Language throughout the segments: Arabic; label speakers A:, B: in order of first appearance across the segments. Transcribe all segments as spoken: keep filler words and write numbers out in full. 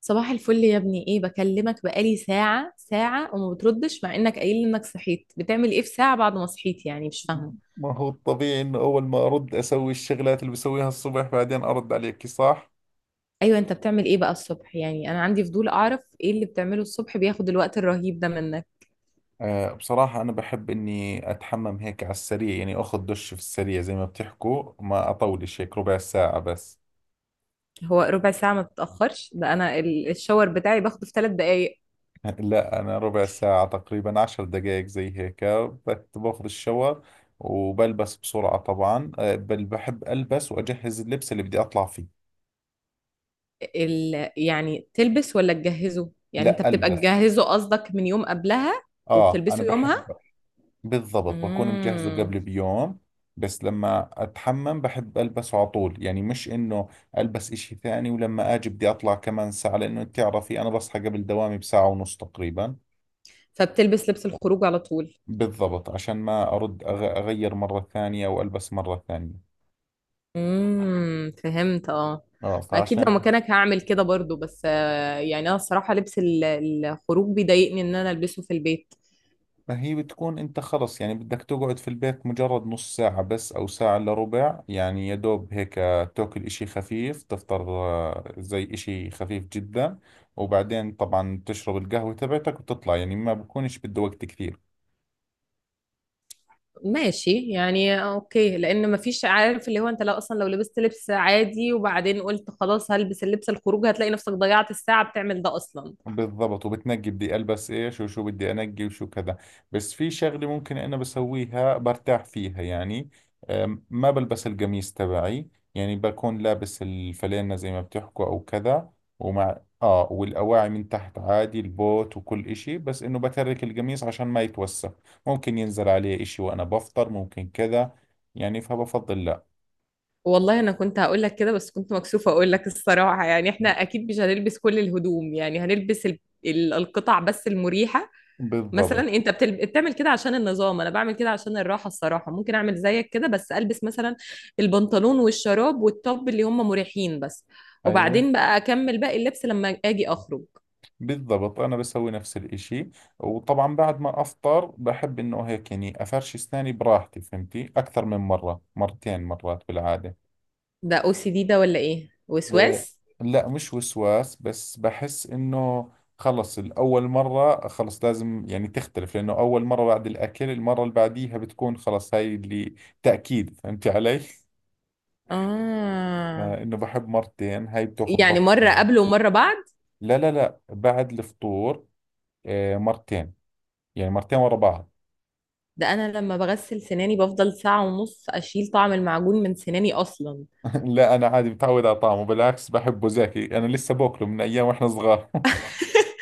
A: صباح الفل يا ابني، ايه بكلمك بقالي ساعة ساعة وما بتردش مع انك قايل لي انك صحيت. بتعمل ايه في ساعة بعد ما صحيت؟ يعني مش فاهمة.
B: ما هو الطبيعي انه اول ما ارد اسوي الشغلات اللي بسويها الصبح، بعدين ارد عليك، صح؟
A: ايوه، انت بتعمل ايه بقى الصبح؟ يعني انا عندي فضول اعرف ايه اللي بتعمله الصبح بياخد الوقت الرهيب ده منك.
B: آه بصراحة انا بحب اني اتحمم هيك على السريع، يعني اخذ دش في السريع زي ما بتحكوا، ما اطولش هيك، ربع ساعة بس.
A: هو ربع ساعة ما بتتأخرش؟ ده انا ال- الشاور بتاعي باخده في ثلاث دقايق.
B: لا، انا ربع ساعة تقريبا، عشر دقائق زي هيك. بت- باخذ الشاور وبلبس بسرعة طبعا. آه بل بحب البس واجهز اللبس اللي بدي اطلع فيه.
A: ال... يعني تلبس ولا تجهزه؟ يعني انت
B: لا،
A: بتبقى
B: البس.
A: تجهزه قصدك من يوم قبلها
B: اه، انا
A: وبتلبسه
B: بحب.
A: يومها.
B: بالضبط، بكون مجهزه
A: امم.
B: قبل بيوم. بس لما اتحمم بحب البسه على طول، يعني مش انه البس اشي ثاني ولما اجي بدي اطلع كمان ساعة، لانه انت تعرفي انا بصحى قبل دوامي بساعة ونص تقريبا.
A: فبتلبس لبس الخروج على طول.
B: بالضبط، عشان ما ارد أغ- اغير مرة ثانية والبس مرة ثانية.
A: امم، فهمت اه.
B: اه
A: ما اكيد لو
B: فعشان.
A: مكانك هعمل كده برضو، بس آه، يعني انا الصراحه لبس ال- الخروج بيضايقني ان انا البسه في البيت.
B: ما هي بتكون انت خلص، يعني بدك تقعد في البيت مجرد نص ساعة بس او ساعة الا ربع، يعني يا دوب هيك تاكل اشي خفيف، تفطر، آه، زي اشي خفيف جدا. وبعدين طبعا تشرب القهوة تبعتك وتطلع، يعني ما بكونش بده وقت كثير.
A: ماشي يعني، اوكي. لان مفيش، عارف اللي هو انت لو اصلا لو لبست لبس عادي وبعدين قلت خلاص هلبس اللبس الخروج هتلاقي نفسك ضيعت الساعه بتعمل ده اصلا.
B: بالضبط، وبتنقي بدي البس ايش وشو بدي انقي وشو كذا. بس في شغله ممكن انا بسويها برتاح فيها يعني. أم، ما بلبس القميص تبعي، يعني بكون لابس الفلينة زي ما بتحكوا او كذا. ومع اه والاواعي من تحت عادي، البوت وكل اشي، بس انه بترك القميص عشان ما يتوسخ. ممكن ينزل عليه اشي وانا بفطر، ممكن كذا، يعني. فبفضل لا.
A: والله انا كنت هقول لك كده بس كنت مكسوفه اقول لك الصراحه. يعني احنا اكيد مش هنلبس كل الهدوم، يعني هنلبس ال- ال- القطع بس المريحه. مثلا
B: بالضبط.
A: انت بتل... بتعمل كده عشان النظام، انا بعمل كده عشان الراحه الصراحه. ممكن اعمل زيك كده بس البس مثلا البنطلون والشراب والتوب اللي هم مريحين بس،
B: ايوه،
A: وبعدين بقى اكمل باقي اللبس لما اجي اخرج.
B: بالضبط، أنا بسوي نفس الإشي. وطبعا بعد ما أفطر بحب إنه هيك، يعني أفرش أسناني براحتي، فهمتي؟ أكثر من مرة، مرتين، مرات بالعادة.
A: ده او سي دي ده ولا ايه،
B: أه،
A: وسواس؟
B: لا، مش وسواس، بس بحس إنه خلص الأول مرة خلص لازم يعني تختلف، لأنه أول مرة بعد الأكل، المرة اللي بعديها بتكون خلص هاي اللي تأكيد. فهمتي علي؟
A: اه،
B: آه، إنه بحب مرتين، هاي بتاخذ
A: يعني
B: برضه.
A: مره قبل ومره بعد؟
B: لا لا لا، بعد الفطور. آه، مرتين، يعني مرتين ورا بعض.
A: ده انا لما بغسل سناني بفضل ساعة ونص اشيل طعم المعجون من سناني اصلا.
B: لا، انا عادي متعود على طعمه، بالعكس بحبه زاكي، انا لسه باكله من ايام واحنا صغار.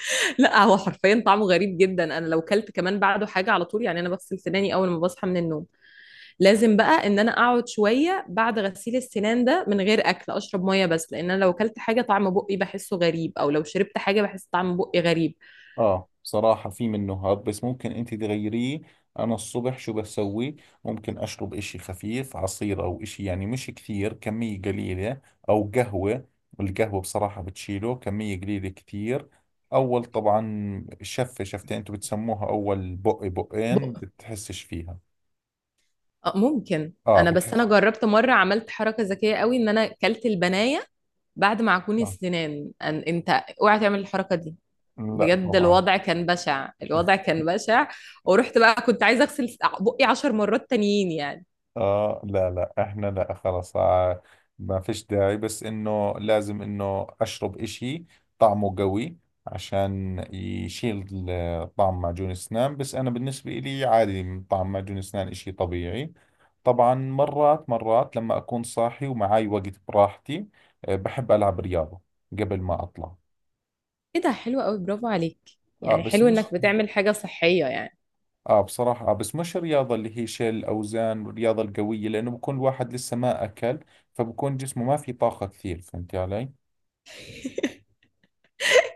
A: لا، هو حرفيا طعمه غريب جدا، انا لو كلت كمان بعده حاجة على طول. يعني انا بغسل سناني اول ما بصحى من النوم، لازم بقى ان انا اقعد شوية بعد غسيل السنان ده من غير اكل، اشرب مية بس، لان انا لو كلت حاجة طعم بقي بحسه غريب او لو شربت حاجة بحس طعم بقي غريب.
B: اه بصراحة في منه هاب، بس ممكن انت تغيريه. انا الصبح شو بسوي؟ ممكن اشرب اشي خفيف، عصير او اشي، يعني مش كثير، كمية قليلة. او قهوة. القهوة بصراحة بتشيله، كمية قليلة كثير. اول طبعا شفة شفتين، انتوا بتسموها اول بق بقين،
A: بق...
B: بتحسش فيها.
A: آه، ممكن
B: اه،
A: انا، بس انا
B: بتحس.
A: جربت مرة عملت حركة ذكية قوي ان انا كلت البناية بعد معجون
B: آه.
A: السنان. أن- انت اوعى تعمل الحركة دي،
B: لا
A: بجد
B: طبعا.
A: الوضع كان بشع، الوضع كان بشع. ورحت بقى كنت عايزه اغسل بقي عشر مرات تانيين يعني.
B: اه، لا لا، احنا لا، خلاص آه، ما فيش داعي، بس انه لازم انه اشرب اشي طعمه قوي عشان يشيل ال- طعم معجون الاسنان. بس انا بالنسبة لي عادي، من طعم معجون الاسنان اشي طبيعي. طبعا مرات مرات لما اكون صاحي ومعاي وقت براحتي، آه، بحب العب رياضة قبل ما اطلع.
A: ايه ده، حلو قوي، برافو عليك.
B: اه،
A: يعني
B: بس
A: حلو انك
B: مش.
A: بتعمل حاجه صحيه يعني.
B: اه بصراحة، آه بس مش الرياضة اللي هي شيل الأوزان والرياضة القوية، لأنه بكون الواحد لسه ما أكل، فبكون جسمه ما في طاقة كثير، فهمتي علي؟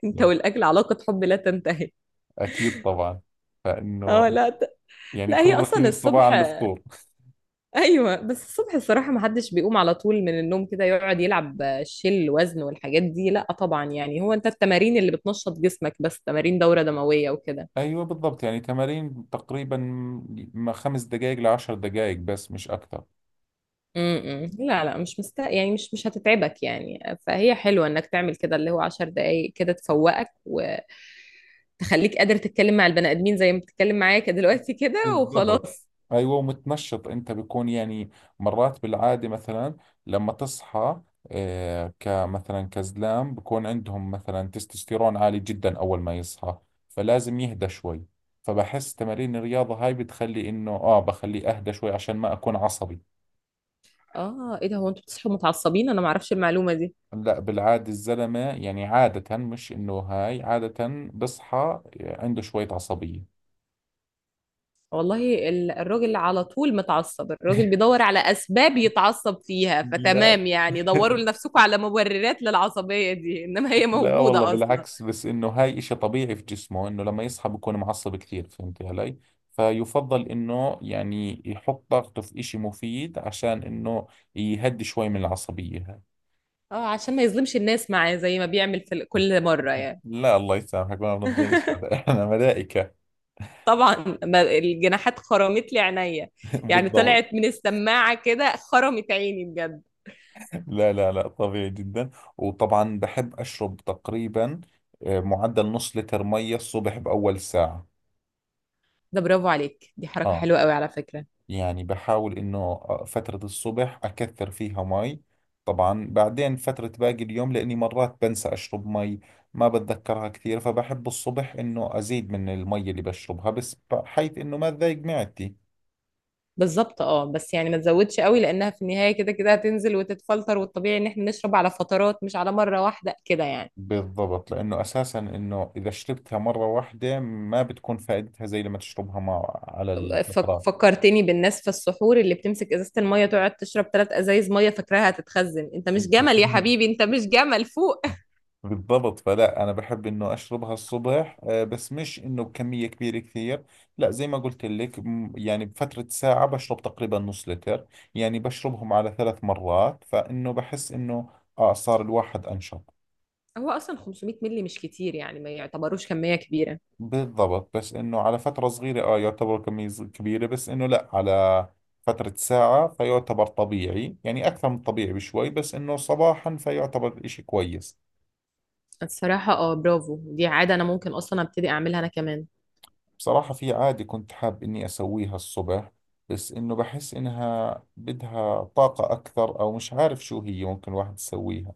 A: انت
B: يعني
A: والاكل علاقه حب لا تنتهي.
B: أكيد طبعا. فإنه
A: اه، لا ت...
B: يعني
A: لا
B: كل
A: هي اصلا
B: روتيني الصباح
A: الصبح.
B: عن الفطور.
A: ايوه، بس الصبح الصراحه ما حدش بيقوم على طول من النوم كده يقعد يلعب شيل وزن والحاجات دي، لا طبعا. يعني هو انت التمارين اللي بتنشط جسمك، بس تمارين دوره دمويه وكده.
B: أيوة، بالضبط، يعني تمارين تقريبا، ما خمس دقائق لعشر دقائق بس، مش أكثر.
A: امم إمم. لا لا، مش مست يعني مش مش هتتعبك يعني. فهي حلوة انك تعمل كده، اللي هو عشر دقايق كده تفوقك وتخليك قادر تتكلم مع البني ادمين زي ما بتتكلم معايا كده دلوقتي كده
B: بالضبط.
A: وخلاص.
B: ايوه، ومتنشط انت بيكون يعني، مرات بالعاده مثلا لما تصحى، آه، كمثلا كزلام بكون عندهم مثلا تستوستيرون عالي جدا اول ما يصحى، فلازم يهدى شوي. فبحس تمارين الرياضه هاي بتخلي انه اه بخليه اهدى شوي عشان ما اكون عصبي.
A: اه ايه ده، هو انتوا بتصحوا متعصبين؟ انا ما اعرفش المعلومة دي.
B: لا، بالعاده الزلمه يعني عاده، مش انه هاي عاده، بصحى عنده شويه عصبيه.
A: والله ال- الراجل على طول متعصب، الراجل بيدور على اسباب يتعصب فيها.
B: لا،
A: فتمام يعني، دوروا لنفسكم على مبررات للعصبية دي، انما هي
B: لا والله،
A: موجودة اصلا.
B: بالعكس، بس انه هاي اشي طبيعي في جسمه، انه لما يصحى بكون معصب كثير، فهمتي علي؟ فيفضل انه يعني يحط طاقته في اشي مفيد عشان انه يهدي شوي من العصبية هاي.
A: اه عشان ما يظلمش الناس معاه زي ما بيعمل في ال- كل مرة يعني.
B: لا، الله يسامحك، ما بنظلمش حدا. احنا ملائكة.
A: طبعًا، ما الجناحات خرمت لي عينيّا، يعني
B: بالضبط.
A: طلعت من السماعة كده خرمت عيني بجد.
B: لا لا لا، طبيعي جدا. وطبعا بحب اشرب تقريبا، آه، معدل نص لتر مية الصبح باول ساعة.
A: ده برافو عليك، دي حركة
B: اه
A: حلوة أوي على فكرة.
B: يعني بحاول إنه فترة الصبح أكثر فيها مي، طبعا بعدين فترة باقي اليوم، لأني مرات بنسى أشرب مي، ما بتذكرها كثير، فبحب الصبح إنه أزيد من المي اللي بشربها، بس بحيث إنه ما تضايق معدتي.
A: بالضبط، آه، بس يعني ما تزوّدش أوي، لإنها في النهاية كده كده هتنزل وتتفلتر، والطبيعي إن إحنا نشرب على فترات مش على مرّة واحدة كده يعني.
B: بالضبط، لأنه أساسا إنه إذا شربتها مرة واحدة ما بتكون فائدتها زي لما تشربها مع على
A: فك
B: الفترات.
A: فكّرتني بالناس في السحور اللي بتمسك إزازة المَيّة تقعد تشرب ثلاث أزايز مَيّة فاكراها هتتخزّن، أنت مش جمل يا حبيبي، أنت مش جمل فوق.
B: بالضبط، فلا، أنا بحب إنه أشربها الصبح، آه، بس مش إنه بكمية كبيرة كثير. لا، زي ما قلت لك، م- يعني بفترة ساعة بشرب تقريبا نص لتر، يعني بشربهم على ثلاث مرات، فإنه بحس إنه آه صار الواحد أنشط.
A: هو أصلًا خمسمائة مِللي مش كتير، يعني ما يعتبروش كمية كبيرة.
B: بالضبط، بس إنه على فترة صغيرة آه يعتبر كمية صغ- كبيرة، بس إنه لا، على فترة ساعة فيعتبر طبيعي، يعني أكثر من طبيعي بشوي، بس إنه صباحا فيعتبر إشي كويس.
A: الصراحة اه، برافو، دي عادة أنا ممكن أصلا أبتدي أعملها أنا كمان.
B: بصراحة في عادة كنت حاب إني أسويها الصبح، بس إنه بحس إنها بدها طاقة أكثر، أو مش عارف شو هي، ممكن الواحد يسويها.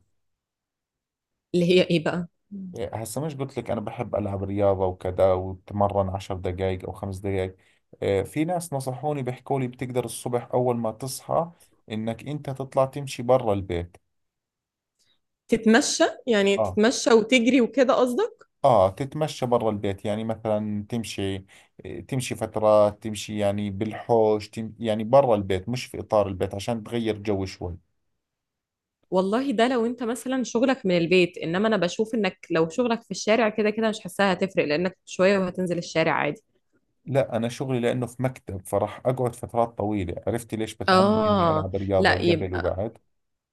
A: اللي هي إيه بقى؟
B: إيه، هسا مش قلت لك أنا بحب ألعب رياضة وكذا وبتمرن عشر دقايق أو خمس دقايق. إيه، في ناس نصحوني بيحكوا لي بتقدر الصبح أول ما تصحى إنك أنت تطلع تمشي برا البيت.
A: تتمشى، يعني
B: آه.
A: تتمشى وتجري وكده قصدك؟
B: آه، تتمشى برا البيت، يعني مثلا تمشي، تمشي فترات، تمشي يعني بالحوش، تم يعني برا البيت مش في إطار البيت عشان تغير جو شوي.
A: والله ده لو أنت مثلا شغلك من البيت، إنما أنا بشوف إنك لو شغلك في الشارع كده كده مش حاساها هتفرق، لأنك شوية وهتنزل الشارع عادي.
B: لا، أنا شغلي لأنه في مكتب، فراح أقعد فترات طويلة، عرفتي ليش بتعمد إني
A: آه
B: ألعب رياضة
A: لا
B: قبل
A: يبقى،
B: وبعد؟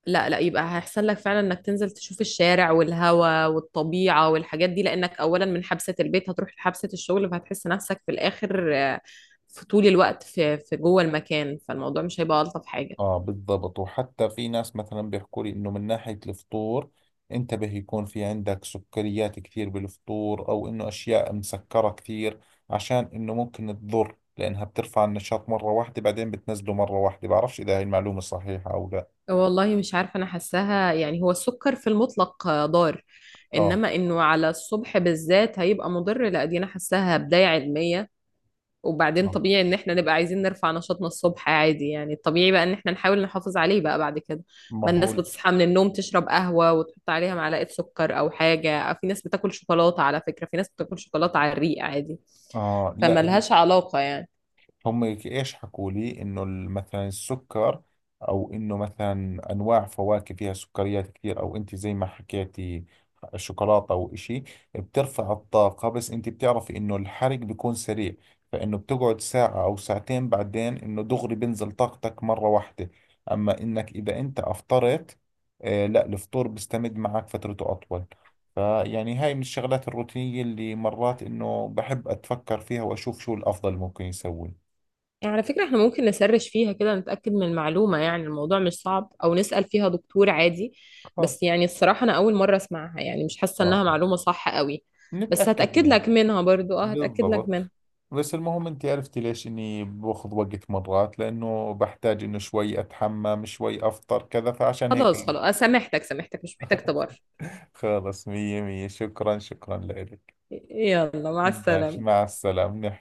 A: لا لا يبقى هيحصل لك فعلا انك تنزل تشوف الشارع والهواء والطبيعة والحاجات دي، لانك اولا من حبسة البيت هتروح لحبسة الشغل، فهتحس نفسك في الاخر آه، في طول الوقت في في جوه المكان، فالموضوع مش هيبقى الطف حاجة.
B: اه، بالضبط. وحتى في ناس مثلا بيحكوا لي انه من ناحية الفطور انتبه يكون في عندك سكريات كثير بالفطور، او انه اشياء مسكرة كثير، عشان انه ممكن تضر، لانها بترفع النشاط مرة واحدة بعدين بتنزله مرة واحدة، بعرفش اذا هاي المعلومة صحيحة او لا.
A: والله مش عارفة، انا حاساها يعني هو السكر في المطلق آه، ضار،
B: اه.
A: انما انه على الصبح بالذات هيبقى مضر، لا دي انا حاساها بداية علمية. وبعدين
B: آه.
A: طبيعي ان احنا نبقى عايزين نرفع نشاطنا الصبح عادي، يعني الطبيعي بقى ان احنا نحاول نحافظ عليه بقى بعد كده.
B: ما
A: ما الناس
B: هو.
A: بتصحى من النوم تشرب قهوة وتحط عليها معلقة سكر او حاجة، أو في ناس بتاكل شوكولاتة، على فكرة في ناس بتاكل شوكولاتة على الريق عادي،
B: اه، لا، هي
A: فملهاش علاقة يعني.
B: هم ايش حكوا لي، انه ال- مثلا السكر، او انه مثلا انواع فواكه فيها سكريات كثير، او انت زي ما حكيتي شوكولاته او اشي، بترفع الطاقه، بس انت بتعرفي انه الحرق بيكون سريع، فانه بتقعد ساعه او ساعتين بعدين انه دغري بنزل طاقتك مره واحده. اما انك اذا انت افطرت، آه، لا، الفطور بيستمد معك فترته اطول، فيعني هاي من الشغلات الروتينية اللي مرات إنه بحب أتفكر فيها وأشوف شو الأفضل ممكن يسوي.
A: يعني على فكرة احنا ممكن نسرش فيها كده نتأكد من المعلومة، يعني الموضوع مش صعب، او نسأل فيها دكتور عادي. بس
B: خالص.
A: يعني الصراحة انا اول مرة اسمعها، يعني مش حاسة
B: اه،
A: انها معلومة صح قوي. بس
B: نتأكد
A: هتأكد
B: منها.
A: لك منها برضو، اه هتأكد لك
B: بالضبط.
A: منها.
B: بس المهم انت عرفتي ليش اني باخذ وقت مرات، لانه بحتاج انه شوي اتحمم، شوي افطر، كذا، فعشان
A: خلاص
B: هيك.
A: خلاص، آه، سامحتك سامحتك، مش محتاج تبرر.
B: خلص، مية مية، شكرا شكرا لك.
A: يلا، مع
B: ماشي،
A: السلامة.
B: مع السلامة.